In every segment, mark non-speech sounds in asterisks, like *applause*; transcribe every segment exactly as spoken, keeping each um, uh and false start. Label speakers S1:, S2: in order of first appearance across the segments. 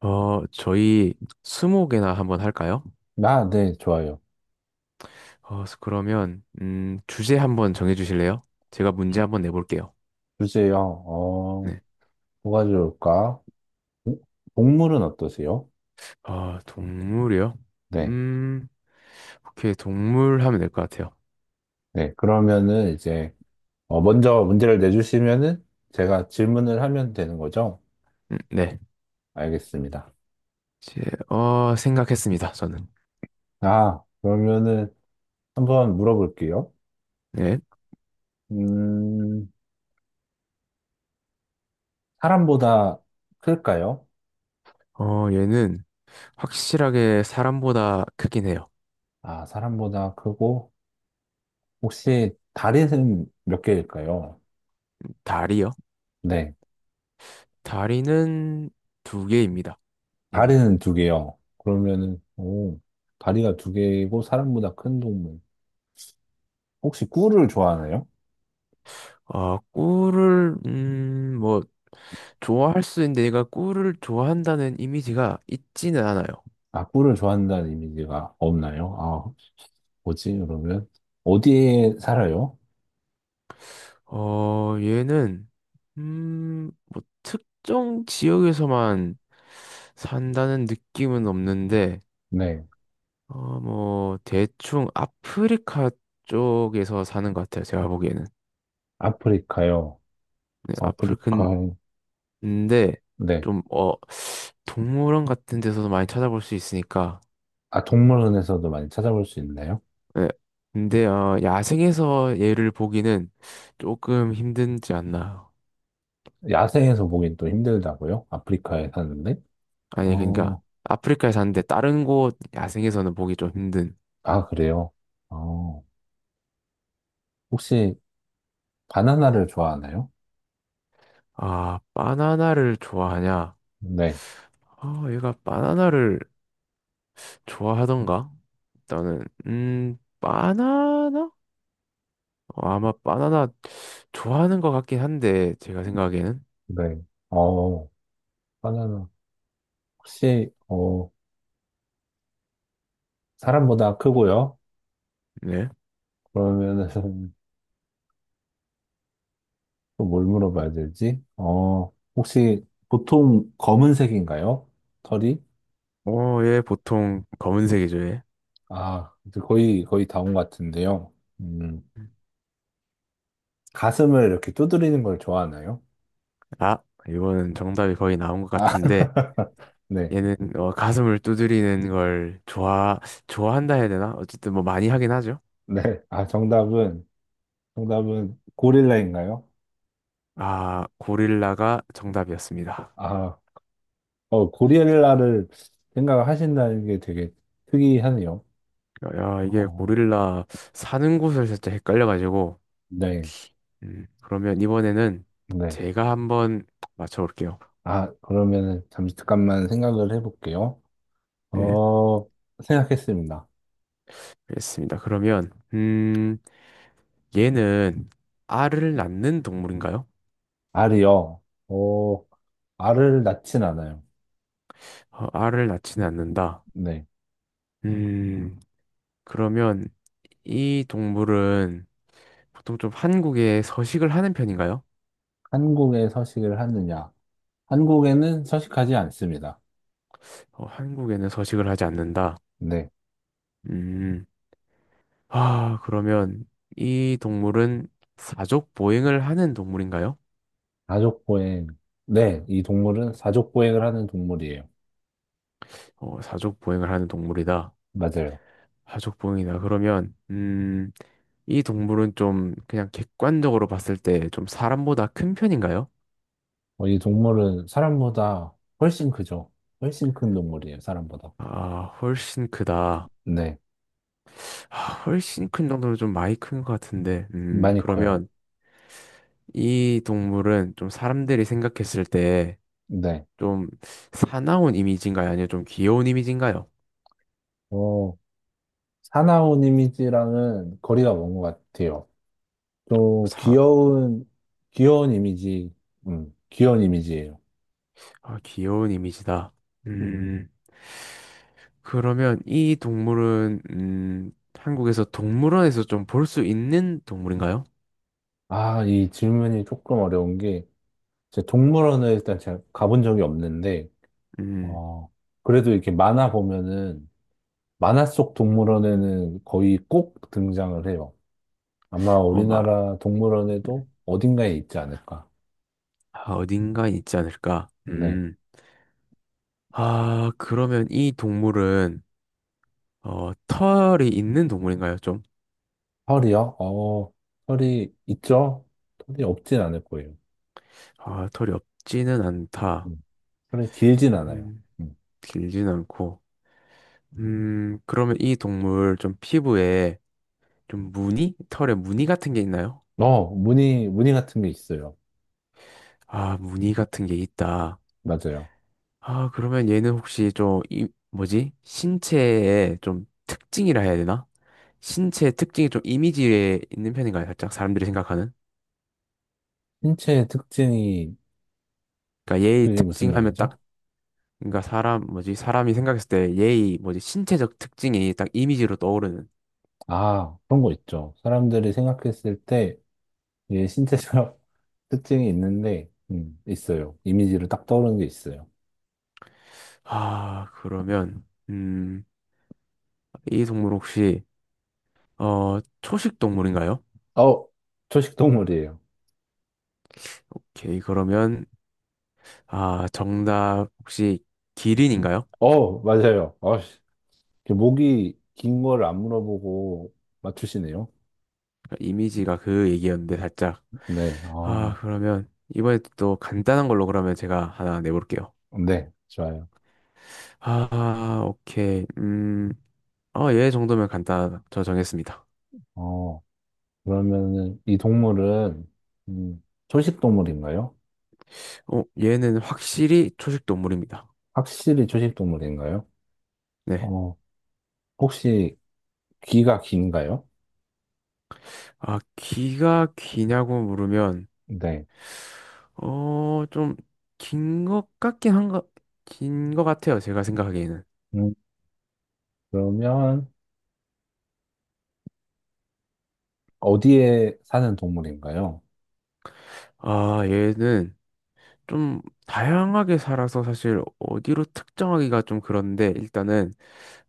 S1: 어, 저희 스무고개나 한번 할까요?
S2: 아, 네, 좋아요.
S1: 어, 그러면 음, 주제 한번 정해 주실래요? 제가 문제 한번 내볼게요.
S2: 주제요. 어,
S1: 네.
S2: 뭐가 좋을까? 동- 동물은 어떠세요?
S1: 아, 동물이요?
S2: 네,
S1: 음, 오케이, 동물 하면 될 것 같아요.
S2: 네. 그러면은 이제, 어, 먼저 문제를 내주시면은 제가 질문을 하면 되는 거죠?
S1: 음, 네.
S2: 알겠습니다.
S1: 제, 어, 생각했습니다, 저는.
S2: 아, 그러면은 한번 물어볼게요.
S1: 네.
S2: 음, 사람보다 클까요?
S1: 어, 얘는 확실하게 사람보다 크긴 해요.
S2: 아, 사람보다 크고, 혹시 다리는 몇 개일까요?
S1: 다리요?
S2: 네.
S1: 다리는 두 개입니다. 얘는.
S2: 다리는 두 개요. 그러면은, 오, 다리가 두 개고 사람보다 큰 동물. 혹시 꿀을 좋아하나요?
S1: 어, 꿀을, 음, 뭐, 좋아할 수 있는데 얘가 꿀을 좋아한다는 이미지가 있지는 않아요.
S2: 아, 꿀을 좋아한다는 이미지가 없나요? 아, 뭐지? 그러면, 어디에 살아요?
S1: 어, 얘는 음, 뭐 특정 지역에서만 산다는 느낌은 없는데
S2: 네.
S1: 어, 뭐 대충 아프리카 쪽에서 사는 것 같아요. 제가 보기에는.
S2: 아프리카요.
S1: 네, 아프리카.
S2: 아프리카,
S1: 근데
S2: 네.
S1: 좀 어, 동물원 같은 데서도 많이 찾아볼 수 있으니까.
S2: 아, 동물원에서도 많이 찾아볼 수 있나요?
S1: 네. 근데 어, 야생에서 얘를 보기는 조금 힘든지 않나.
S2: 야생에서 보긴 또 힘들다고요? 아프리카에 사는데?
S1: 아니 그러니까
S2: 어,
S1: 아프리카에 사는데 다른 곳 야생에서는 보기 좀 힘든.
S2: 아, 그래요? 어, 혹시 바나나를 좋아하나요?
S1: 아 바나나를 좋아하냐?
S2: 네.
S1: 아 얘가 바나나를 좋아하던가? 일단은 음 바나나? 어, 아마 바나나 좋아하는 것 같긴 한데 제가 생각에는.
S2: 네. 어, 바나나. 혹시 어 사람보다 크고요?
S1: 네.
S2: 그러면은 *laughs* 또 뭘 물어봐야 되지? 어 혹시 보통 검은색인가요? 털이?
S1: 어 얘 보통 검은색이죠 얘.
S2: 아 이제 거의 거의 다 온 것 같은데요. 음 가슴을 이렇게 두드리는 걸 좋아하나요?
S1: 아 이거는 정답이 거의 나온 것
S2: 아
S1: 같은데
S2: *laughs* 네,
S1: 얘는 어, 가슴을 두드리는 걸 좋아 좋아한다 해야 되나? 어쨌든 뭐 많이 하긴 하죠.
S2: 네. 아 정답은 정답은 고릴라인가요?
S1: 아, 고릴라가 정답이었습니다.
S2: 아 어 고릴라를 생각하신다는 게 되게 특이하네요.
S1: 야, 이게
S2: 어,
S1: 고릴라 사는 곳을 살짝 헷갈려가지고,
S2: 네,
S1: 음, 그러면 이번에는
S2: 네.
S1: 제가 한번 맞춰볼게요.
S2: 아, 그러면은 잠깐만 생각을 해볼게요.
S1: 네,
S2: 어, 생각했습니다.
S1: 알겠습니다. 그러면, 음, 얘는 알을 낳는 동물인가요?
S2: 알이요. 어, 알을 낳진 않아요.
S1: 어, 알을 낳지는 않는다.
S2: 네.
S1: 음, 그러면 이 동물은 보통 좀 한국에 서식을 하는 편인가요?
S2: 한국에 서식을 하느냐? 한국에는 서식하지 않습니다.
S1: 어, 한국에는 서식을 하지 않는다.
S2: 네.
S1: 음, 아, 그러면 이 동물은 사족 보행을 하는 동물인가요?
S2: 사족보행. 네, 이 동물은 사족보행을 하는 동물이에요.
S1: 어, 사족 보행을 하는 동물이다.
S2: 맞아요.
S1: 사족 보행이다. 그러면 음, 이 동물은 좀 그냥 객관적으로 봤을 때 좀 사람보다 큰 편인가요?
S2: 어, 이 동물은 사람보다 훨씬 크죠. 훨씬 큰 동물이에요, 사람보다.
S1: 아, 훨씬 크다.
S2: 네.
S1: 아, 훨씬 큰 정도로 좀 많이 큰 것 같은데. 음,
S2: 많이 커요.
S1: 그러면 이 동물은 좀 사람들이 생각했을 때
S2: 네.
S1: 좀 사나운 이미지인가요? 아니면 좀 귀여운 이미지인가요?
S2: 어, 사나운 이미지랑은 거리가 먼 것 같아요. 또
S1: 사,
S2: 귀여운 귀여운 이미지, 음, 귀여운 이미지예요.
S1: 아, 귀여운 이미지다. 음. 음, 그러면 이 동물은, 음, 한국에서 동물원에서 좀 볼 수 있는 동물인가요?
S2: 아, 이 질문이 조금 어려운 게, 제 동물원을 일단 제가 가본 적이 없는데,
S1: 음,
S2: 어, 그래도 이렇게 만화 보면은, 만화 속 동물원에는 거의 꼭 등장을 해요. 아마
S1: 어, 막,
S2: 우리나라 동물원에도 어딘가에 있지 않을까.
S1: 아, 어딘가 있지 않을까?
S2: 네.
S1: 음, 아, 그러면 이 동물은, 어, 털이 있는 동물인가요, 좀?
S2: 털이요? 어, 털이 있죠? 털이 없진 않을 거예요.
S1: 아, 털이 없지는 않다.
S2: 음, 털이 길진 않아요.
S1: 음,
S2: 음.
S1: 길진 않고. 음, 그러면 이 동물 좀 피부에 좀 무늬? 털에 무늬 같은 게 있나요?
S2: 어, 무늬, 무늬 같은 게 있어요.
S1: 아, 무늬 같은 게 있다.
S2: 맞아요.
S1: 아, 그러면 얘는 혹시 좀, 이, 뭐지? 신체의 좀 특징이라 해야 되나? 신체 특징이 좀 이미지에 있는 편인가요? 살짝 사람들이 생각하는?
S2: 신체의 특징이
S1: 그러니까 얘의
S2: 그게 무슨
S1: 특징 하면
S2: 말이죠?
S1: 딱, 그러니까 사람, 뭐지? 사람이 생각했을 때 얘의 뭐지? 신체적 특징이 딱 이미지로 떠오르는.
S2: 아, 그런 거 있죠. 사람들이 생각했을 때 이게 신체적 *laughs* 특징이 있는데 음, 있어요. 이미지로 딱 떠오르는 게 있어요.
S1: 아, 그러면, 음, 이 동물 혹시, 어, 초식 동물인가요?
S2: 어, 초식동물이에요.
S1: 오케이, 그러면, 아, 정답 혹시 기린인가요?
S2: 어, 맞아요. 어씨, 목이 긴 걸 안 물어보고 맞추시네요.
S1: 이미지가 그 얘기였는데 살짝.
S2: 네,
S1: 아,
S2: 어,
S1: 그러면 이번에 또 간단한 걸로 그러면 제가 하나 내볼게요.
S2: 네, 좋아요.
S1: 아, 오케이. 음, 어, 얘 정도면 간단하다. 저 정했습니다.
S2: 어, 그러면은 이 동물은 음, 초식동물인가요?
S1: 어, 얘는 확실히 초식 동물입니다.
S2: 확실히 초식동물인가요?
S1: 네.
S2: 어, 혹시 귀가 긴가요?
S1: 아, 귀가 기냐고 물으면,
S2: 네.
S1: 어, 좀, 긴 것 같긴 한 것, 긴 것 같아요. 제가 생각하기에는.
S2: 음, 그러면 어디에 사는 동물인가요?
S1: 아, 얘는 좀 다양하게 살아서 사실 어디로 특정하기가 좀 그런데 일단은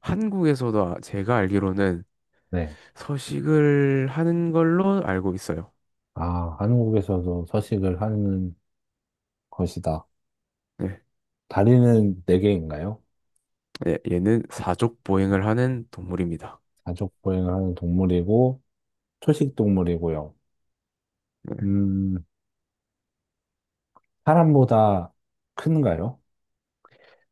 S1: 한국에서도 아- 제가 알기로는
S2: 네.
S1: 서식을 하는 걸로 알고 있어요.
S2: 아, 한국에서도 서식을 하는 것이다.
S1: 네.
S2: 다리는 네 개인가요?
S1: 예, 얘는 사족 보행을 하는 동물입니다.
S2: 가족 보행을 하는 동물이고 초식 동물이고요.
S1: 네.
S2: 음, 사람보다 큰가요?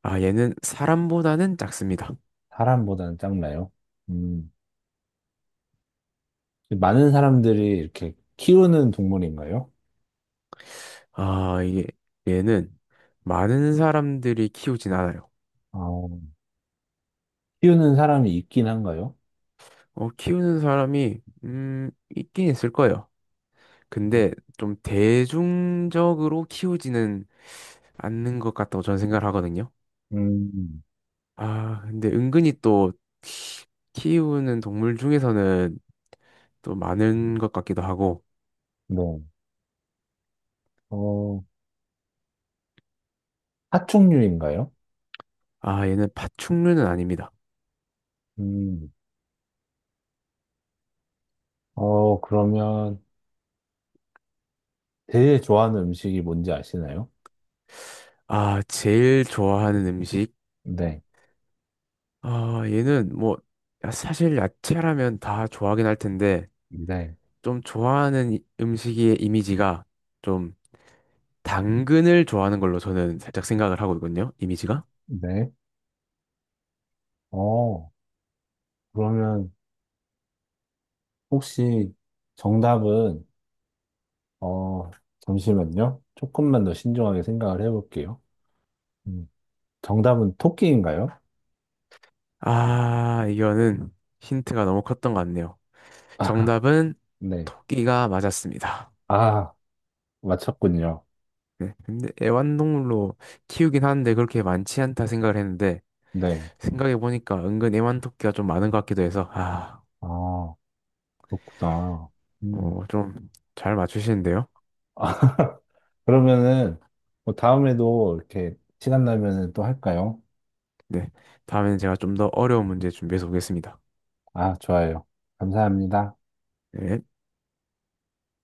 S1: 아, 얘는 사람보다는 작습니다.
S2: 사람보다는 작나요? 음, 많은 사람들이 이렇게 키우는 동물인가요?
S1: 아, 이게 얘는 많은 사람들이 키우진 않아요.
S2: 어, 키우는 사람이 있긴 한가요?
S1: 어, 키우는 사람이 음, 있긴 있을 거예요. 근데 좀 대중적으로 키우지는 않는 것 같다고 저는 생각을 하거든요.
S2: 음,
S1: 아, 근데 은근히 또 키우는 동물 중에서는 또 많은 것 같기도 하고,
S2: 네. 어, 파충류인가요?
S1: 아, 얘는 파충류는 아닙니다.
S2: 음, 어, 그러면 제일 좋아하는 음식이 뭔지 아시나요?
S1: 아, 제일 좋아하는 음식?
S2: 네,
S1: 아, 얘는 뭐, 야, 사실 야채라면 다 좋아하긴 할 텐데,
S2: 네.
S1: 좀 좋아하는 이- 음식의 이미지가 좀 당근을 좋아하는 걸로 저는 살짝 생각을 하고 있거든요. 이미지가.
S2: 네. 어, 그러면 혹시 정답은, 어, 잠시만요. 조금만 더 신중하게 생각을 해볼게요. 음, 정답은 토끼인가요?
S1: 아, 이거는 힌트가 너무 컸던 것 같네요.
S2: *laughs* 아,
S1: 정답은
S2: 네.
S1: 토끼가 맞았습니다.
S2: 아, 맞췄군요.
S1: 네, 근데 애완동물로 키우긴 하는데 그렇게 많지 않다 생각을 했는데
S2: 네.
S1: 생각해 보니까 은근 애완토끼가 좀 많은 것 같기도 해서 아.
S2: 아, 그렇구나. 음.
S1: 어, 좀 잘 맞추시는데요.
S2: 아, *laughs* 그러면은, 뭐 다음에도 이렇게 시간 나면은 또 할까요?
S1: 네. 다음에는 제가 좀 더 어려운 문제 준비해서 오겠습니다.
S2: 아, 좋아요. 감사합니다.
S1: 네.